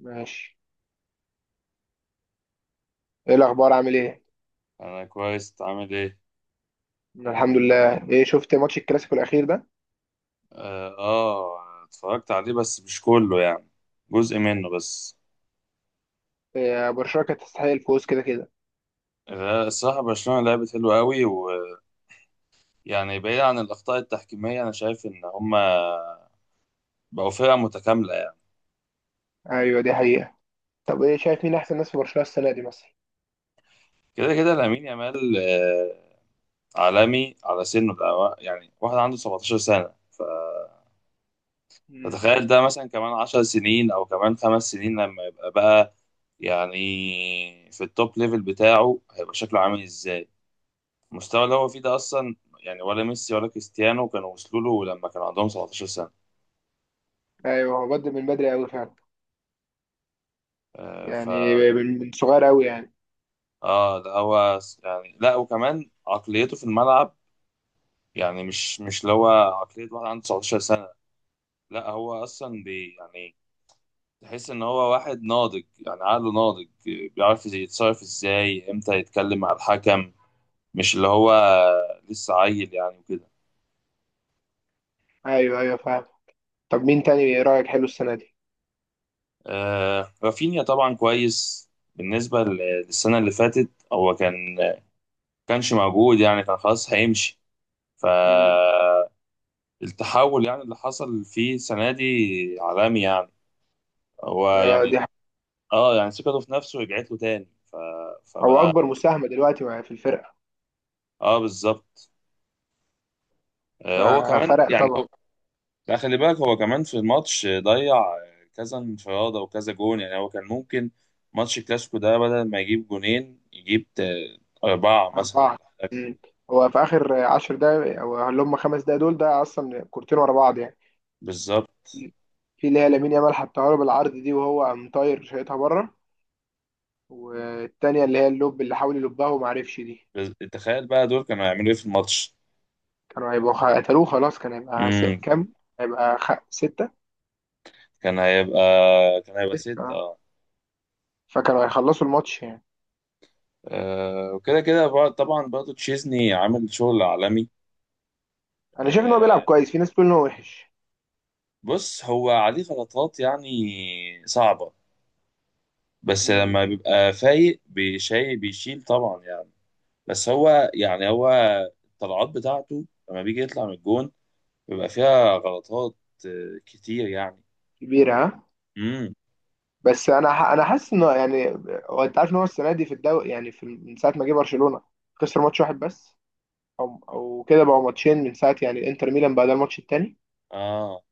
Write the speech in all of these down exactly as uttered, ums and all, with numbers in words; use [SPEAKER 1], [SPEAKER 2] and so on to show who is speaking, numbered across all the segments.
[SPEAKER 1] ماشي. ايه الاخبار، عامل ايه؟
[SPEAKER 2] انا كويس. إنت عامل ايه؟
[SPEAKER 1] أنا الحمد لله. ايه، شفت ماتش الكلاسيكو الاخير ده؟
[SPEAKER 2] اه آه، اتفرجت عليه بس مش كله يعني. جزء منه بس.
[SPEAKER 1] إيه، برشلونة كانت تستحق الفوز كده كده.
[SPEAKER 2] لا، الصراحة برشلونة لعبت حلوة قوي ويعني، بعيد عن الأخطاء التحكيمية. أنا شايف إن هما بقوا فرقة متكاملة يعني.
[SPEAKER 1] ايوه دي حقيقة. طب ايه، شايف مين احسن ناس في برشلونة السنة دي مثلا؟
[SPEAKER 2] كده كده لامين يامال، آه، عالمي على سنه ده يعني، واحد عنده 17 سنة ف-
[SPEAKER 1] مم.
[SPEAKER 2] فتخيل ده مثلا كمان 10 سنين أو كمان خمس سنين، لما يبقى بقى يعني في التوب ليفل بتاعه هيبقى شكله عامل إزاي. المستوى اللي هو فيه ده اصلا يعني، ولا ميسي ولا كريستيانو كانوا وصلوا له لما كان عندهم سبعتاشر سنة سنه.
[SPEAKER 1] ايوه، هو بدأ من بدري قوي فعلا.
[SPEAKER 2] آه، فا
[SPEAKER 1] يعني من من صغير قوي يعني.
[SPEAKER 2] اه ده هو س- يعني لا، وكمان عقليته في الملعب يعني مش مش اللي هو عقليه واحد عنده تسعة عشر سنة سنه. لا هو اصلا بي يعني تحس ان هو واحد ناضج، يعني عقله ناضج، بيعرف إزاي يتصرف، ازاي، امتى يتكلم مع الحكم، مش اللي هو لسه عيل يعني وكده.
[SPEAKER 1] ايوه ايوه فاهم. طب مين تاني، ايه رأيك حلو السنة دي؟
[SPEAKER 2] آه رافينيا طبعا كويس. بالنسبه ل- للسنه اللي فاتت هو كان كانش موجود يعني، كان خلاص هيمشي،
[SPEAKER 1] مم.
[SPEAKER 2] فالتحول يعني اللي حصل فيه السنة دي عالمي يعني. هو
[SPEAKER 1] آه
[SPEAKER 2] يعني
[SPEAKER 1] دي حقيقة.
[SPEAKER 2] اه يعني ثقته في نفسه رجعت له تاني ف...
[SPEAKER 1] هو
[SPEAKER 2] فبقى.
[SPEAKER 1] اكبر مساهمة دلوقتي مع- في الفرقة.
[SPEAKER 2] اه بالظبط. آه، هو كمان
[SPEAKER 1] ففرق
[SPEAKER 2] يعني
[SPEAKER 1] طبعا.
[SPEAKER 2] هو... لا خلي بالك، هو كمان في الماتش ضيع كذا انفرادة وكذا جون، يعني هو كان ممكن ماتش الكلاسيكو ده بدل ما يجيب جونين يجيب تا- أربعة مثلا
[SPEAKER 1] أربعة.
[SPEAKER 2] ولا حاجة.
[SPEAKER 1] مم. هو في آخر عشر دقايق، أو اللي هم خمس دقايق دول، ده أصلا كورتين ورا بعض يعني.
[SPEAKER 2] بالظبط.
[SPEAKER 1] في اللي هي لامين يامال حطها له بالعرض دي وهو قام طاير شايطها بره، والتانية اللي هي اللوب اللي حاول يلبها وما عرفش دي.
[SPEAKER 2] بز- تخيل بقى دول كانوا هيعملوا إيه في الماتش.
[SPEAKER 1] كانوا هيبقوا خ- قتلوه خلاص، كان هيبقى س- كام؟ هيبقى خ... ستة.
[SPEAKER 2] كان هيبقى كان هيبقى ست،
[SPEAKER 1] آه.
[SPEAKER 2] اه.
[SPEAKER 1] فكانوا هيخلصوا الماتش يعني.
[SPEAKER 2] آه، وكده كده بر- طبعا برضه تشيزني عامل شغل عالمي.
[SPEAKER 1] أنا شايف إن هو بيلعب
[SPEAKER 2] آه،
[SPEAKER 1] كويس، في ناس بتقول إن هو وحش.
[SPEAKER 2] بص، هو عليه غلطات يعني صعبة، بس
[SPEAKER 1] مم.
[SPEAKER 2] لما بيبقى فايق بيشي بيشيل طبعا يعني. بس هو يعني هو الطلعات بتاعته لما بيجي يطلع من الجون بيبقى فيها غلطات، آه، كتير يعني.
[SPEAKER 1] كبيرة ها.
[SPEAKER 2] امم
[SPEAKER 1] بس أنا ح... أنا حاسس إنه يعني هو، أنت عارف إن هو السنة دي في الدوري، يعني في... من ساعة ما جه برشلونة خسر ماتش واحد بس. أو أو كده بقوا ماتشين، من ساعة يعني إنتر ميلان بعد الماتش التاني.
[SPEAKER 2] اه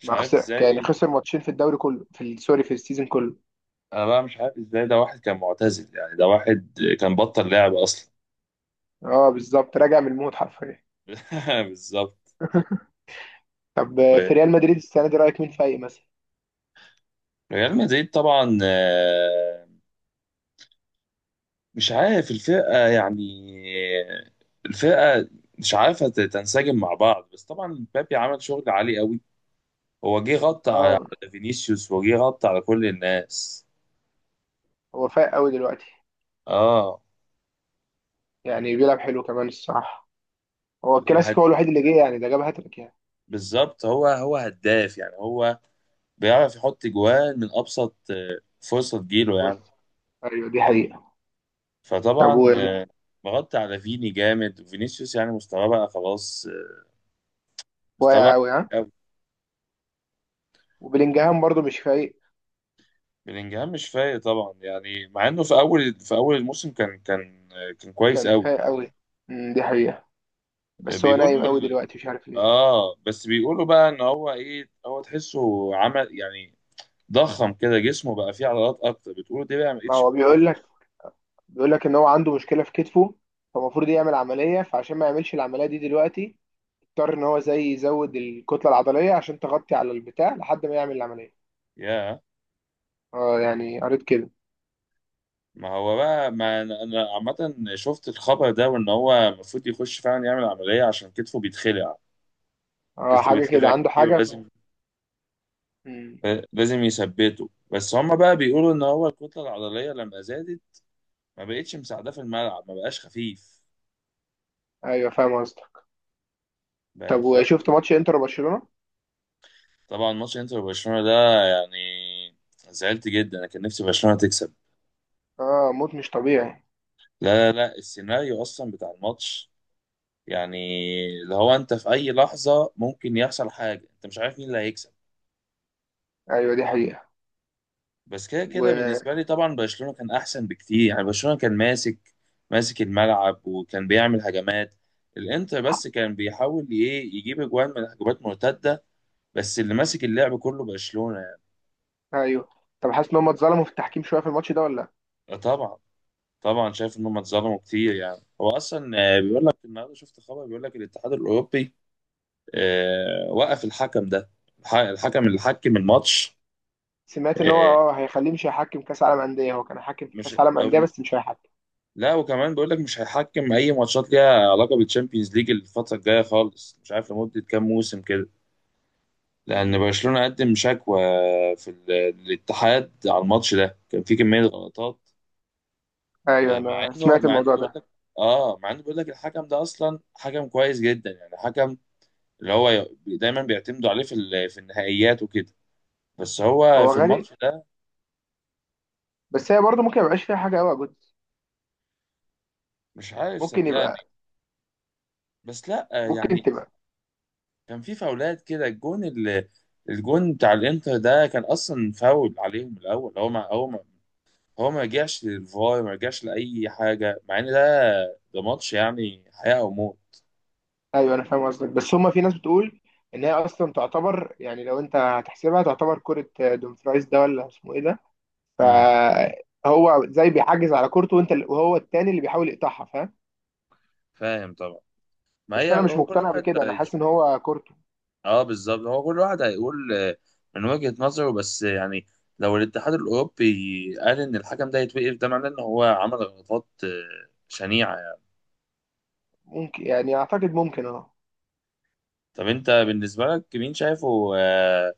[SPEAKER 2] مش
[SPEAKER 1] ما
[SPEAKER 2] عارف
[SPEAKER 1] خسر يعني،
[SPEAKER 2] ازاي.
[SPEAKER 1] خسر ماتشين في الدوري كله في ال- سوري، في السيزون كله.
[SPEAKER 2] انا بقى مش عارف ازاي، ده واحد كان معتزل يعني، ده واحد كان بطل لعب اصلا.
[SPEAKER 1] اه بالظبط، راجع من الموت حرفيا.
[SPEAKER 2] بالظبط.
[SPEAKER 1] طب آه، في ريال مدريد السنه دي رايك مين فايق مثلا؟
[SPEAKER 2] ريال مدريد طبعا، آه، مش عارف الفرقة يعني. الفرقة مش عارفة ت- تنسجم مع بعض، بس طبعا بابي عمل شغل عالي قوي. هو جه غطى على
[SPEAKER 1] اه
[SPEAKER 2] على فينيسيوس، وجه غطى على كل الناس.
[SPEAKER 1] هو فايق قوي دلوقتي.
[SPEAKER 2] اه
[SPEAKER 1] يعني بيلعب حلو كمان الصراحه. هو
[SPEAKER 2] وهد...
[SPEAKER 1] الكلاسيكو هو الوحيد اللي جه، يعني ده جاب هاتريك يعني.
[SPEAKER 2] بالظبط، هو هو هداف يعني، هو بيعرف يحط جوان من أبسط آه، فرصة تجيله يعني.
[SPEAKER 1] فرصه. ايوه دي حقيقه. طب
[SPEAKER 2] فطبعا
[SPEAKER 1] و-
[SPEAKER 2] آه، مغطى على فيني جامد، وفينيسيوس يعني مستواه بقى خلاص، آه، مستواه
[SPEAKER 1] واقع قوي ها. وبلينجهام برضه مش فايق.
[SPEAKER 2] بلينجهام مش فايق طبعا يعني، مع انه في اول في اول الموسم كان كان كان كويس
[SPEAKER 1] كان
[SPEAKER 2] قوي.
[SPEAKER 1] فايق قوي. أمم، دي حقيقه. بس هو نايم
[SPEAKER 2] بيقولوا
[SPEAKER 1] قوي
[SPEAKER 2] ال...
[SPEAKER 1] دلوقتي مش عارف ليه.
[SPEAKER 2] اه بس بيقولوا بقى ان هو ايه، هو تحسه عمل يعني ضخم كده، جسمه بقى فيه عضلات اكتر، بتقولوا دي بقى ما
[SPEAKER 1] ما
[SPEAKER 2] بقتش
[SPEAKER 1] هو
[SPEAKER 2] ما
[SPEAKER 1] بيقول
[SPEAKER 2] بقتش
[SPEAKER 1] لك، بيقول لك ان هو عنده مشكله في كتفه، فالمفروض يعمل عمليه. فعشان ما يعملش العمليه دي دلوقتي، اضطر ان هو زي يزود الكتله العضليه عشان تغطي على البتاع لحد ما يعمل العمليه.
[SPEAKER 2] يا
[SPEAKER 1] اه يعني قريت كده.
[SPEAKER 2] ما هو بقى، ما انا أنا عامه شفت الخبر ده، وان هو المفروض يخش فعلا يعمل عمليه عشان كتفه بيتخلع.
[SPEAKER 1] اه
[SPEAKER 2] كتفه
[SPEAKER 1] حاجه كده،
[SPEAKER 2] بيتخلع
[SPEAKER 1] عنده
[SPEAKER 2] كتير،
[SPEAKER 1] حاجه ف...
[SPEAKER 2] ولازم
[SPEAKER 1] مم.
[SPEAKER 2] لازم يثبته. بس هما بقى بيقولوا ان هو الكتله العضليه لما زادت، ما بقتش مساعداه في الملعب، ما بقاش خفيف،
[SPEAKER 1] ايوه فاهم قصدك.
[SPEAKER 2] بقت
[SPEAKER 1] طب
[SPEAKER 2] حركته.
[SPEAKER 1] وشفت ماتش انتر وبرشلونه؟
[SPEAKER 2] طبعا ماتش انتر وبرشلونة ده يعني زعلت جدا، انا كان نفسي برشلونة تكسب.
[SPEAKER 1] اه موت مش طبيعي.
[SPEAKER 2] لا لا لا، السيناريو اصلا بتاع الماتش يعني اللي هو، انت في اي لحظة ممكن يحصل حاجة، انت مش عارف مين اللي هيكسب.
[SPEAKER 1] ايوه دي حقيقه.
[SPEAKER 2] بس كده كده
[SPEAKER 1] و
[SPEAKER 2] بالنسبة لي طبعا برشلونة كان احسن بكتير يعني. برشلونة كان ماسك ماسك الملعب، وكان بيعمل هجمات. الانتر
[SPEAKER 1] حق.
[SPEAKER 2] بس كان بيحاول ايه يجيب اجوان من هجمات مرتدة، بس اللي ماسك اللعب كله برشلونة يعني.
[SPEAKER 1] ايوه. طب حاسس ان هم اتظلموا في التحكيم شويه في الماتش ده ولا لأ؟
[SPEAKER 2] طبعا. طبعا شايف ان هم اتظلموا كتير يعني. هو اصلا آه، بيقول لك النهارده شفت خبر، بيقول لك الاتحاد الاوروبي آه، وقف الحكم ده، الح- الحكم اللي حكم الماتش.
[SPEAKER 1] سمعت ان هو
[SPEAKER 2] آه،
[SPEAKER 1] اه هيخليه مش هيحكم كاس عالم انديه، هو كان حاكم في
[SPEAKER 2] مش
[SPEAKER 1] كاس عالم انديه
[SPEAKER 2] أو
[SPEAKER 1] بس مش هيحكم.
[SPEAKER 2] لا، وكمان بيقول لك مش هيحكم اي ماتشات ليها علاقه بالتشامبيونز ليج الفتره الجايه خالص، مش عارف لمده كام موسم كده، لان
[SPEAKER 1] مم.
[SPEAKER 2] برشلونه قدم شكوى في ال- الاتحاد على الماتش ده. كان في كميه غلطات،
[SPEAKER 1] ايوه
[SPEAKER 2] آه، مع
[SPEAKER 1] انا
[SPEAKER 2] انه
[SPEAKER 1] سمعت
[SPEAKER 2] مع انه
[SPEAKER 1] الموضوع
[SPEAKER 2] بيقول
[SPEAKER 1] ده.
[SPEAKER 2] لك، اه مع انه بيقول لك الحكم ده اصلا حكم كويس جدا يعني، حكم اللي هو ي- دايما بيعتمدوا عليه في ال- في النهائيات وكده، بس هو
[SPEAKER 1] هو
[SPEAKER 2] في
[SPEAKER 1] غالي.
[SPEAKER 2] الماتش ده
[SPEAKER 1] بس هي برضه ممكن ما يبقاش فيها حاجه قوي يا جد.
[SPEAKER 2] مش عارف
[SPEAKER 1] ممكن
[SPEAKER 2] صدقني.
[SPEAKER 1] يبقى.
[SPEAKER 2] بس لا
[SPEAKER 1] ممكن
[SPEAKER 2] يعني
[SPEAKER 1] تبقى.
[SPEAKER 2] كان في فاولات كده. الجون ال- الجون بتاع الانتر ده كان اصلا فاول عليهم الاول. هو ما هو ما هو ما رجعش للفار، ما رجعش لاي حاجه، مع ان ده ده ماتش يعني حياه او موت.
[SPEAKER 1] ايوه انا فاهم قصدك، بس هما في ناس بتقول ان هي اصلا تعتبر، يعني لو انت هتحسبها تعتبر كرة آه، دومفرايز ده ولا اسمه ايه ده،
[SPEAKER 2] امم،
[SPEAKER 1] فهو زي بيحجز على كورته، وانت وهو التاني اللي بيحاول يقطعها، فاهم.
[SPEAKER 2] فاهم طبعا. ما
[SPEAKER 1] بس
[SPEAKER 2] هي
[SPEAKER 1] انا مش
[SPEAKER 2] هو كل
[SPEAKER 1] مقتنع
[SPEAKER 2] واحد،
[SPEAKER 1] بكده، انا حاسس ان هو كورته.
[SPEAKER 2] اه بالظبط، هو كل واحد هيقول آه، من وجهة نظره بس يعني. لو الاتحاد الأوروبي قال إن الحكم ده يتوقف، ده معناه إن هو عمل غلطات آه، شنيعة يعني.
[SPEAKER 1] ممكن يعني، اعتقد ممكن اه.
[SPEAKER 2] طب أنت بالنسبة لك مين شايفه آه،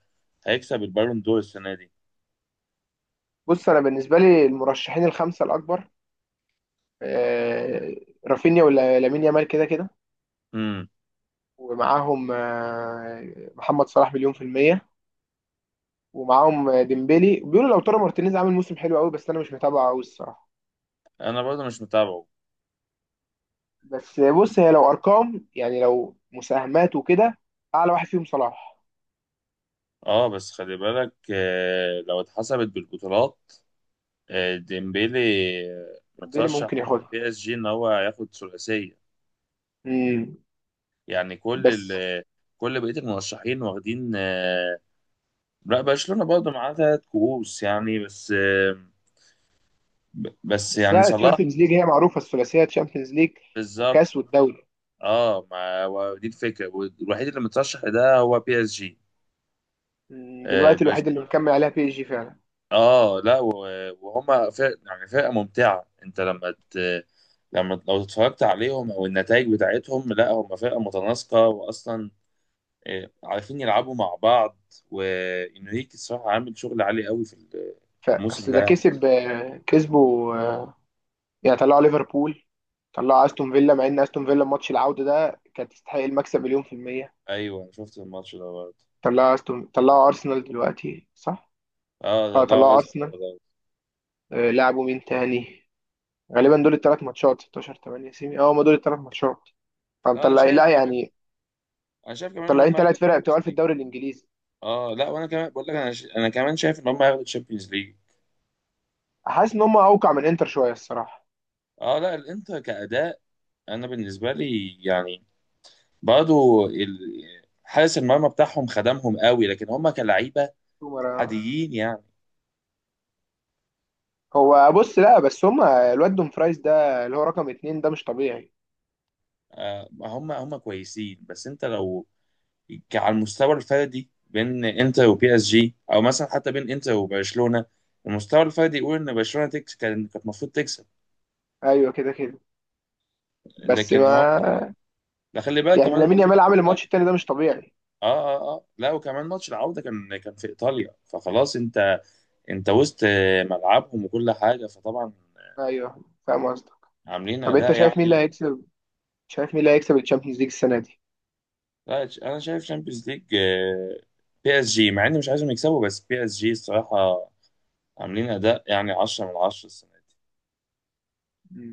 [SPEAKER 2] هيكسب البالون دور السنة دي؟
[SPEAKER 1] بص انا بالنسبة لي المرشحين الخمسة الاكبر، آه، رافينيا ولا لامين يامال كده كده،
[SPEAKER 2] امم.
[SPEAKER 1] ومعاهم آه، محمد صلاح مليون في المية، ومعاهم آه، ديمبلي. بيقولوا لو ترى مارتينيز عامل موسم حلو قوي بس انا مش متابعه قوي الصراحة.
[SPEAKER 2] أنا برضه مش متابعه.
[SPEAKER 1] بس بص، هي لو ارقام يعني، لو مساهمات وكده، اعلى واحد فيهم صلاح.
[SPEAKER 2] اه بس خلي بالك، آه، لو اتحسبت بالبطولات، آه، ديمبيلي آه،
[SPEAKER 1] ديمبلي
[SPEAKER 2] مترشح
[SPEAKER 1] ممكن
[SPEAKER 2] مع
[SPEAKER 1] ياخدها.
[SPEAKER 2] بي اس جي إن هو هياخد ثلاثية.
[SPEAKER 1] امم.
[SPEAKER 2] يعني كل ال
[SPEAKER 1] بس
[SPEAKER 2] آه، كل بقية المرشحين واخدين آه، لا، برشلونة برضه معاه تلات كؤوس يعني، بس بس
[SPEAKER 1] بس
[SPEAKER 2] يعني
[SPEAKER 1] لا،
[SPEAKER 2] صلاح.
[SPEAKER 1] الشامبيونز ليج هي معروفه، الثلاثيه تشامبيونز ليج
[SPEAKER 2] بالظبط.
[SPEAKER 1] وكاس والدوري.
[SPEAKER 2] اه ما هو دي الفكرة، والوحيد اللي مترشح ده هو بي اس جي.
[SPEAKER 1] مم،
[SPEAKER 2] اه
[SPEAKER 1] دلوقتي
[SPEAKER 2] برش-
[SPEAKER 1] الوحيد اللي مكمل عليها بي اس جي فعلا.
[SPEAKER 2] آه، لا و- وهما فرق يعني، فرقة ممتعة. انت لما ت... لما لو اتفرجت عليهم او النتائج بتاعتهم، لا هما فرقة متناسقة، واصلا آه، عارفين يلعبوا مع بعض. وانريكي الصراحة عامل شغل عالي قوي في الموسم
[SPEAKER 1] فاصل ده
[SPEAKER 2] ده.
[SPEAKER 1] كسب آه، كسبوا آه، يعني طلعوا ليفربول، طلعوا استون فيلا، مع ان استون فيلا ماتش العوده ده كانت تستحق المكسب مليون في الميه.
[SPEAKER 2] ايوه شفت الماتش ده برضه.
[SPEAKER 1] طلعوا استون، طلعوا ارسنال دلوقتي صح؟
[SPEAKER 2] اه
[SPEAKER 1] اه
[SPEAKER 2] ده
[SPEAKER 1] طلعوا ارسنال.
[SPEAKER 2] لا،
[SPEAKER 1] آه، لعبوا مين تاني؟ غالبا دول الثلاث ماتشات، ستاشر، تمانية، سيمي. اه هم دول الثلاث ماتشات.
[SPEAKER 2] لا انا
[SPEAKER 1] فمطلع
[SPEAKER 2] شايف
[SPEAKER 1] لا
[SPEAKER 2] كمان،
[SPEAKER 1] يعني،
[SPEAKER 2] انا شايف كمان ان
[SPEAKER 1] مطلعين
[SPEAKER 2] هم هياخدوا
[SPEAKER 1] ثلاث فرق
[SPEAKER 2] الشامبيونز
[SPEAKER 1] بتوع في
[SPEAKER 2] ليج.
[SPEAKER 1] الدوري الانجليزي.
[SPEAKER 2] اه لا، وانا كمان بقول لك انا ش... انا كمان شايف ان هم هياخدوا الشامبيونز ليج.
[SPEAKER 1] حاسس ان هم اوقع من انتر شويه الصراحه.
[SPEAKER 2] اه لا، الانتر كاداء انا بالنسبه لي يعني، برضه ال... حارس المرمى بتاعهم خدمهم قوي، لكن هم كلعيبه
[SPEAKER 1] سومر.
[SPEAKER 2] عاديين يعني.
[SPEAKER 1] هو بص لا، بس هم الواد دوم فرايز ده اللي هو رقم اتنين ده مش طبيعي.
[SPEAKER 2] آه هم هم كويسين، بس انت لو ك- على المستوى الفردي بين انتر وبي اس جي، او مثلا حتى بين انتر وبرشلونه، المستوى الفردي يقول ان برشلونه تكس كان كانت المفروض تكسب.
[SPEAKER 1] ايوه كده كده. بس
[SPEAKER 2] لكن هم،
[SPEAKER 1] ما
[SPEAKER 2] لا خلي بالك
[SPEAKER 1] يعني،
[SPEAKER 2] كمان
[SPEAKER 1] لامين
[SPEAKER 2] ماتش
[SPEAKER 1] يامال عامل
[SPEAKER 2] العودة.
[SPEAKER 1] الماتش التاني ده مش طبيعي.
[SPEAKER 2] اه اه اه لا، وكمان ماتش العودة كان كان في ايطاليا، فخلاص انت، انت وسط ملعبهم وكل حاجة، فطبعا
[SPEAKER 1] ايوه فاهم قصدك.
[SPEAKER 2] عاملين
[SPEAKER 1] طب انت
[SPEAKER 2] اداء
[SPEAKER 1] شايف مين اللي
[SPEAKER 2] يعني.
[SPEAKER 1] هيكسب؟ شايف مين اللي هيكسب الشامبيونز ليج السنه
[SPEAKER 2] لا، انا شايف شامبيونز ليج بي اس جي، مع اني مش عايزهم يكسبوا، بس بي اس جي الصراحة عاملين اداء يعني عشرة من عشرة
[SPEAKER 1] دي؟